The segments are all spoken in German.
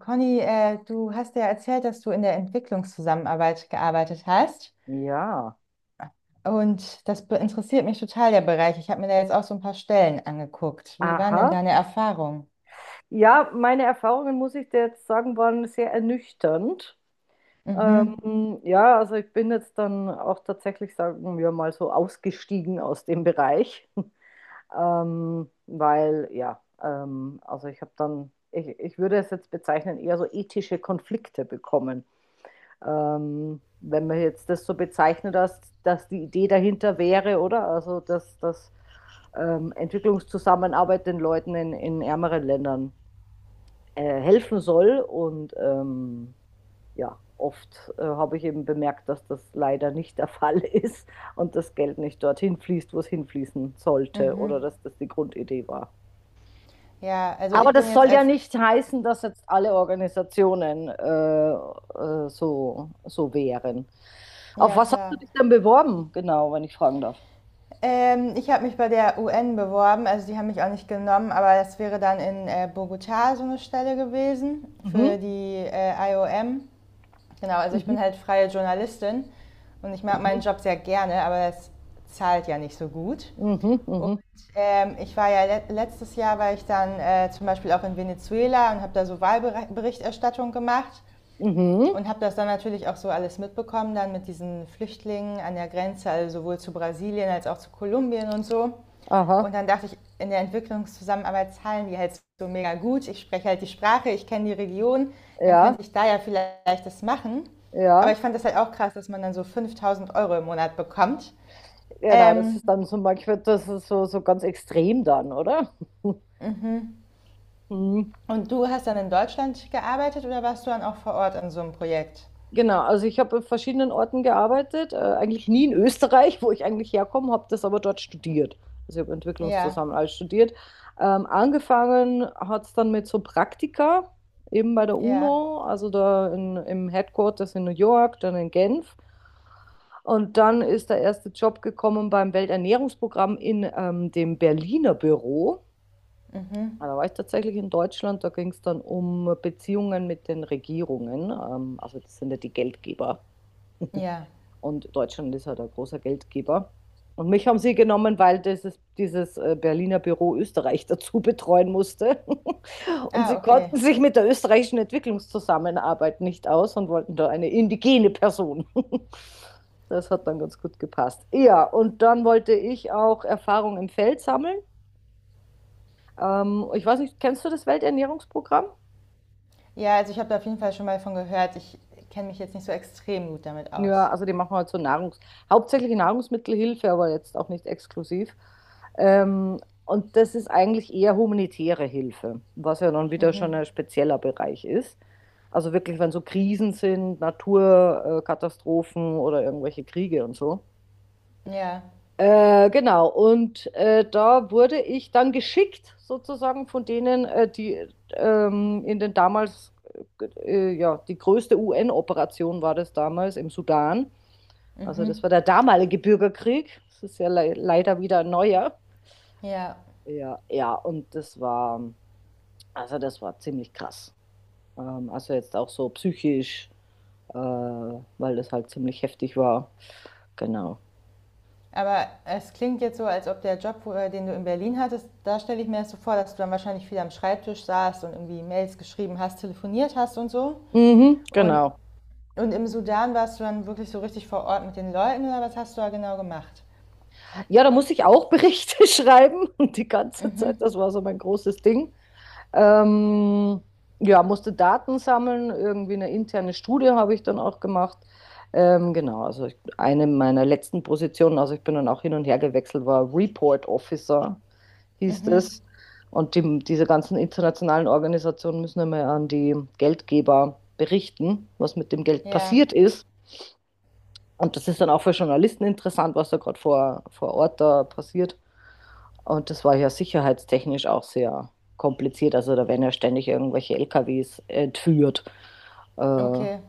Conny, du hast ja erzählt, dass du in der Entwicklungszusammenarbeit gearbeitet hast. Ja, Und das interessiert mich total, der Bereich. Ich habe mir da jetzt auch so ein paar Stellen angeguckt. Wie waren denn aha. deine Erfahrungen? Ja, meine Erfahrungen, muss ich dir jetzt sagen, waren sehr ernüchternd. Mhm, Ja, also ich bin jetzt dann auch tatsächlich, sagen wir mal so, ausgestiegen aus dem Bereich, weil ja, also ich habe dann, ich würde es jetzt bezeichnen, eher so ethische Konflikte bekommen. Wenn man jetzt das so bezeichnet, dass die Idee dahinter wäre, oder? Also, dass Entwicklungszusammenarbeit den Leuten in ärmeren Ländern helfen soll. Und ja, oft habe ich eben bemerkt, dass das leider nicht der Fall ist und das Geld nicht dorthin fließt, wo es hinfließen sollte, mhm. oder dass das die Grundidee war. Ja, also Aber ich bin das jetzt soll ja als... nicht heißen, dass jetzt alle Organisationen so wären. Auf Ja, was hast du klar. dich denn beworben, genau, wenn ich fragen darf? Ich habe mich bei der UN beworben, also die haben mich auch nicht genommen, aber das wäre dann in Bogotá so eine Stelle gewesen Mhm. für die IOM. Genau, also ich Mhm. bin halt freie Journalistin und ich mag meinen Mhm. Job sehr gerne, aber es zahlt ja nicht so gut. Mhm. Und Mhm. Ich war ja le letztes Jahr, war ich dann zum Beispiel auch in Venezuela und habe da so Wahlberichterstattung gemacht. Mhm. Und habe das dann natürlich auch so alles mitbekommen, dann mit diesen Flüchtlingen an der Grenze, also sowohl zu Brasilien als auch zu Kolumbien und so. Und Aha. dann dachte ich, in der Entwicklungszusammenarbeit zahlen die halt so mega gut. Ich spreche halt die Sprache, ich kenne die Region, dann könnte Ja. ich da ja vielleicht das machen. Aber ich Ja. fand das halt auch krass, dass man dann so 5000€ im Monat bekommt. Genau, das Ähm, ist dann so manchmal, das ist so ganz extrem dann, oder? Mhm. und du hast dann in Deutschland gearbeitet oder warst du dann auch vor Ort an so einem Projekt? Genau, also ich habe in verschiedenen Orten gearbeitet, eigentlich nie in Österreich, wo ich eigentlich herkomme, habe das aber dort studiert. Also ich habe Ja, Entwicklungszusammenarbeit studiert. Angefangen hat es dann mit so Praktika, eben bei der ja, UNO, also da im Headquarters in New York, dann in Genf. Und dann ist der erste Job gekommen beim Welternährungsprogramm in dem Berliner Büro. mhm, Ah, da war ich tatsächlich in Deutschland, da ging es dann um Beziehungen mit den Regierungen. Also das sind ja die Geldgeber. ja. Und Deutschland ist halt ein großer Geldgeber. Und mich haben sie genommen, weil dieses Berliner Büro Österreich dazu betreuen musste. Und Ah, sie konnten okay. sich mit der österreichischen Entwicklungszusammenarbeit nicht aus und wollten da eine indigene Person. Das hat dann ganz gut gepasst. Ja, und dann wollte ich auch Erfahrung im Feld sammeln. Ich weiß nicht, kennst du das Welternährungsprogramm? Ja, also ich habe da auf jeden Fall schon mal von gehört. Ich kenne mich jetzt nicht so extrem gut damit Ja, aus. also die machen halt so hauptsächlich Nahrungsmittelhilfe, aber jetzt auch nicht exklusiv. Ähm, und das ist eigentlich eher humanitäre Hilfe, was ja dann wieder Mhm. schon ein spezieller Bereich ist. Also wirklich, wenn so Krisen sind, Naturkatastrophen oder irgendwelche Kriege und so. Ja. Genau, und da wurde ich dann geschickt, sozusagen von denen, die in den damals, ja, die größte UN-Operation war das damals im Sudan. Also das Mhm. war der damalige Bürgerkrieg. Das ist ja le leider wieder ein neuer. Ja. Ja, ja, und also das war ziemlich krass. Also jetzt auch so psychisch, weil das halt ziemlich heftig war. Genau. Aber es klingt jetzt so, als ob der Job, den du in Berlin hattest, da stelle ich mir das so vor, dass du dann wahrscheinlich viel am Schreibtisch saßt und irgendwie Mails geschrieben hast, telefoniert hast und so. Mhm, Und, genau. und im Sudan warst du dann wirklich so richtig vor Ort mit den Leuten oder was hast du da genau gemacht? Ja, da musste ich auch Berichte schreiben und die ganze Zeit. Das war so mein großes Ding. Ähm, ja, musste Daten sammeln, irgendwie eine interne Studie habe ich dann auch gemacht. Genau, also ich, eine meiner letzten Positionen, also ich bin dann auch hin und her gewechselt, war Report Officer, hieß es. Und diese ganzen internationalen Organisationen müssen immer an die Geldgeber berichten, was mit dem Geld Ja, passiert ist. Und das ist dann auch für Journalisten interessant, was da gerade vor Ort da passiert. Und das war ja sicherheitstechnisch auch sehr kompliziert. Also da werden ja ständig irgendwelche LKWs entführt äh, okay.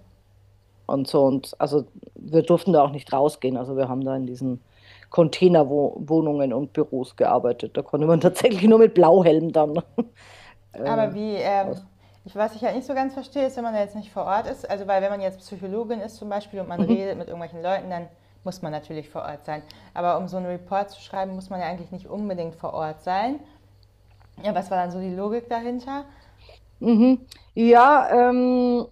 und so. Und also wir durften da auch nicht rausgehen. Also wir haben da in diesen Containerwohnungen und Büros gearbeitet. Da konnte man tatsächlich nur mit Blauhelm dann äh, Aber wie, raus. ich, was ich halt nicht so ganz verstehe, ist, wenn man da jetzt nicht vor Ort ist, also weil wenn man jetzt Psychologin ist zum Beispiel und man Mhm. redet mit irgendwelchen Leuten, dann muss man natürlich vor Ort sein. Aber um so einen Report zu schreiben, muss man ja eigentlich nicht unbedingt vor Ort sein. Ja, was war dann so die Logik dahinter? Mhm. Ja, ähm,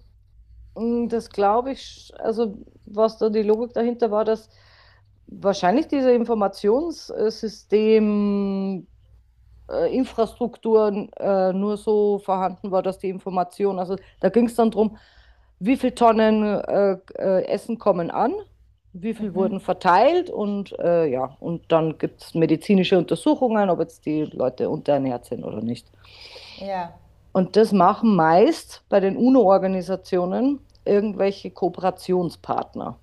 Mm, Das glaube ich. Also was da die Logik dahinter war, dass wahrscheinlich diese Informationssystem Infrastruktur nur so vorhanden war, dass die Information, also da ging es dann darum, wie viel Tonnen Essen kommen an, wie viel wurden Mhm. verteilt und ja, und dann gibt es medizinische Untersuchungen, ob jetzt die Leute unterernährt sind oder nicht. Ja, Und das machen meist bei den UNO-Organisationen irgendwelche Kooperationspartner.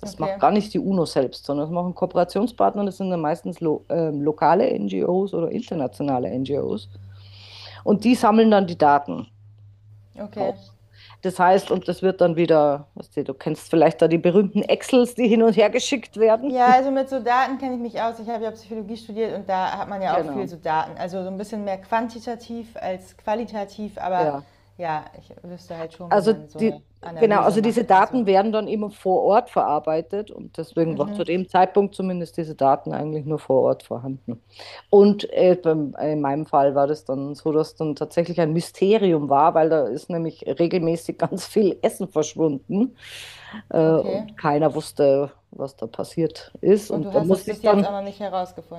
Das macht okay, gar nicht die UNO selbst, sondern das machen Kooperationspartner, das sind dann meistens lo lokale NGOs oder internationale NGOs. Und die sammeln dann die Daten auch. okay. Das heißt, und das wird dann wieder, weißt du, du kennst vielleicht da die berühmten Excels, die hin und her geschickt werden. Ja, also mit so Daten kenne ich mich aus. Ich habe ja Psychologie studiert und da hat man ja auch viel Genau, so Daten. Also so ein bisschen mehr quantitativ als qualitativ, aber ja. ja, ich wüsste halt schon, wie Also man so die, eine genau, Analyse also diese macht und so. Daten werden dann immer vor Ort verarbeitet und deswegen war zu dem Zeitpunkt zumindest diese Daten eigentlich nur vor Ort vorhanden. Und in meinem Fall war das dann so, dass dann tatsächlich ein Mysterium war, weil da ist nämlich regelmäßig ganz viel Essen verschwunden Okay. und keiner wusste, was da passiert ist. Und Und du da hast das musste bis ich jetzt dann auch noch nicht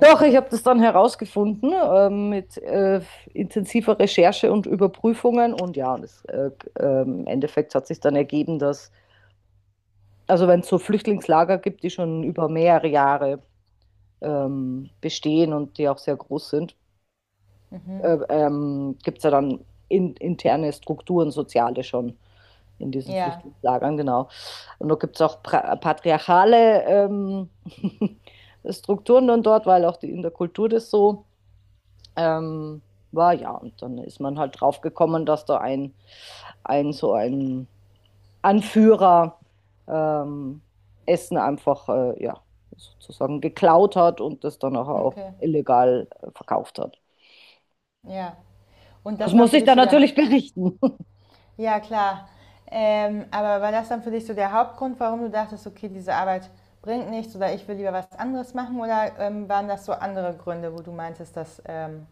doch, ich habe das dann herausgefunden mit intensiver Recherche und Überprüfungen. Und ja, und im Endeffekt hat sich dann ergeben, dass, also wenn es so Flüchtlingslager gibt, die schon über mehrere Jahre bestehen und die auch sehr groß sind, gibt es ja dann interne Strukturen, soziale schon in diesen Ja. Flüchtlingslagern, genau. Und da gibt es auch patriarchale Strukturen dann dort, weil auch die, in der Kultur das so Ähm, war ja, und dann ist man halt drauf gekommen, dass da ein so ein Anführer ähm, Essen einfach ja, sozusagen geklaut hat und das dann nachher auch Okay. illegal verkauft hat. Ja. Und Das das war muss für ich dich dann so der. Ha natürlich berichten. ja, klar. Aber war das dann für dich so der Hauptgrund, warum du dachtest, okay, diese Arbeit bringt nichts oder ich will lieber was anderes machen? Oder waren das so andere Gründe, wo du meintest, dass,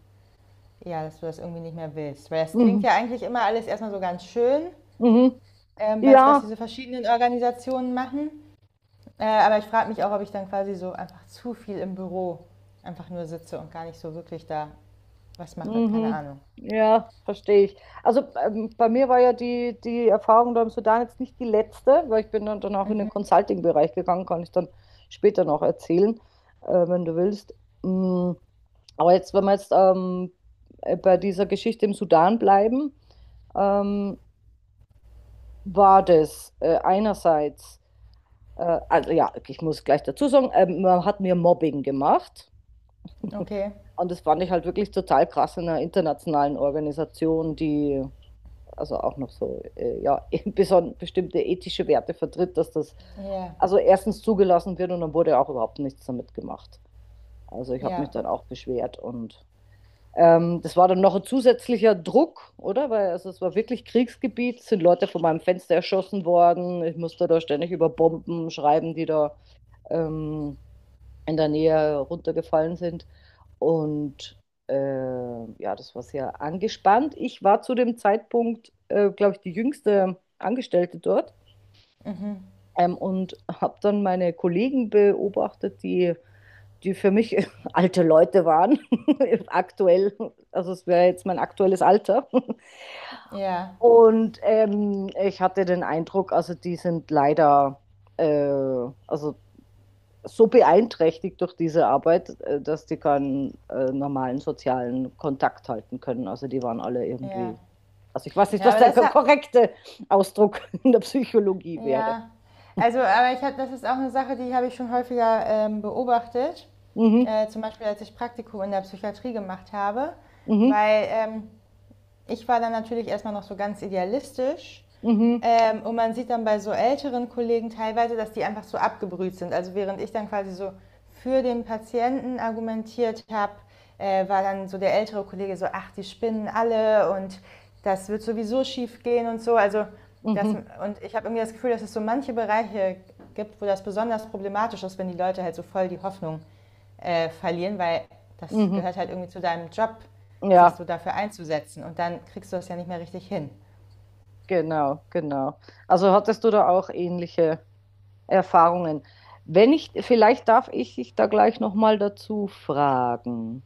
ja, dass du das irgendwie nicht mehr willst? Weil das klingt Mhm. ja eigentlich immer alles erstmal so ganz schön, Mhm. Weil was Ja, diese verschiedenen Organisationen machen. Aber ich frage mich auch, ob ich dann quasi so einfach zu viel im Büro einfach nur sitze und gar nicht so wirklich da was mache. Keine mhm. Ahnung. Ja, verstehe ich. Also bei mir war ja die Erfahrung da im Sudan jetzt nicht die letzte, weil ich bin dann auch in den Consulting-Bereich gegangen, kann ich dann später noch erzählen, wenn du willst. Mm, Aber jetzt, wenn wir jetzt bei dieser Geschichte im Sudan bleiben, ähm, war das einerseits, also ja, ich muss gleich dazu sagen, man hat mir Mobbing gemacht. Okay. Und das fand ich halt wirklich total krass in einer internationalen Organisation, die also auch noch so, ja, bestimmte ethische Werte vertritt, dass das Ja, also erstens zugelassen wird und dann wurde auch überhaupt nichts damit gemacht. Also ich habe mich ja. dann auch beschwert und das war dann noch ein zusätzlicher Druck, oder? Weil also es war wirklich Kriegsgebiet, sind Leute von meinem Fenster erschossen worden, ich musste da ständig über Bomben schreiben, die da ähm, in der Nähe runtergefallen sind. Und äh, ja, das war sehr angespannt. Ich war zu dem Zeitpunkt, glaube ich, die jüngste Angestellte dort Mhm. Und habe dann meine Kollegen beobachtet, die für mich alte Leute waren, aktuell. Also es wäre jetzt mein aktuelles Alter. Ja, Und ich hatte den Eindruck, also die sind leider, also so beeinträchtigt durch diese Arbeit, dass die keinen normalen sozialen Kontakt halten können. Also die waren alle ja. irgendwie, also ich weiß nicht, Ja, was aber der das hat. korrekte Ausdruck in der Psychologie wäre. Ja. Also, aber ich hab, das ist auch eine Sache, die habe ich schon häufiger beobachtet. Mhm, Zum Beispiel, als ich Praktikum in der Psychiatrie gemacht habe. mhm, Weil ich war dann natürlich erstmal noch so ganz idealistisch. mhm, Und man sieht dann bei so älteren Kollegen teilweise, dass die einfach so abgebrüht sind. Also während ich dann quasi so für den Patienten argumentiert habe, war dann so der ältere Kollege so, ach, die spinnen alle und das wird sowieso schief gehen und so. Also das, mhm, und ich habe irgendwie das Gefühl, dass es so manche Bereiche gibt, wo das besonders problematisch ist, wenn die Leute halt so voll die Hoffnung verlieren, weil das mhm. gehört halt irgendwie zu deinem Job, sich Ja, so dafür einzusetzen. Und dann kriegst du das ja nicht mehr richtig hin. genau, genau. Also hattest du da auch ähnliche Erfahrungen? Wenn ich, vielleicht darf ich dich da gleich nochmal dazu fragen.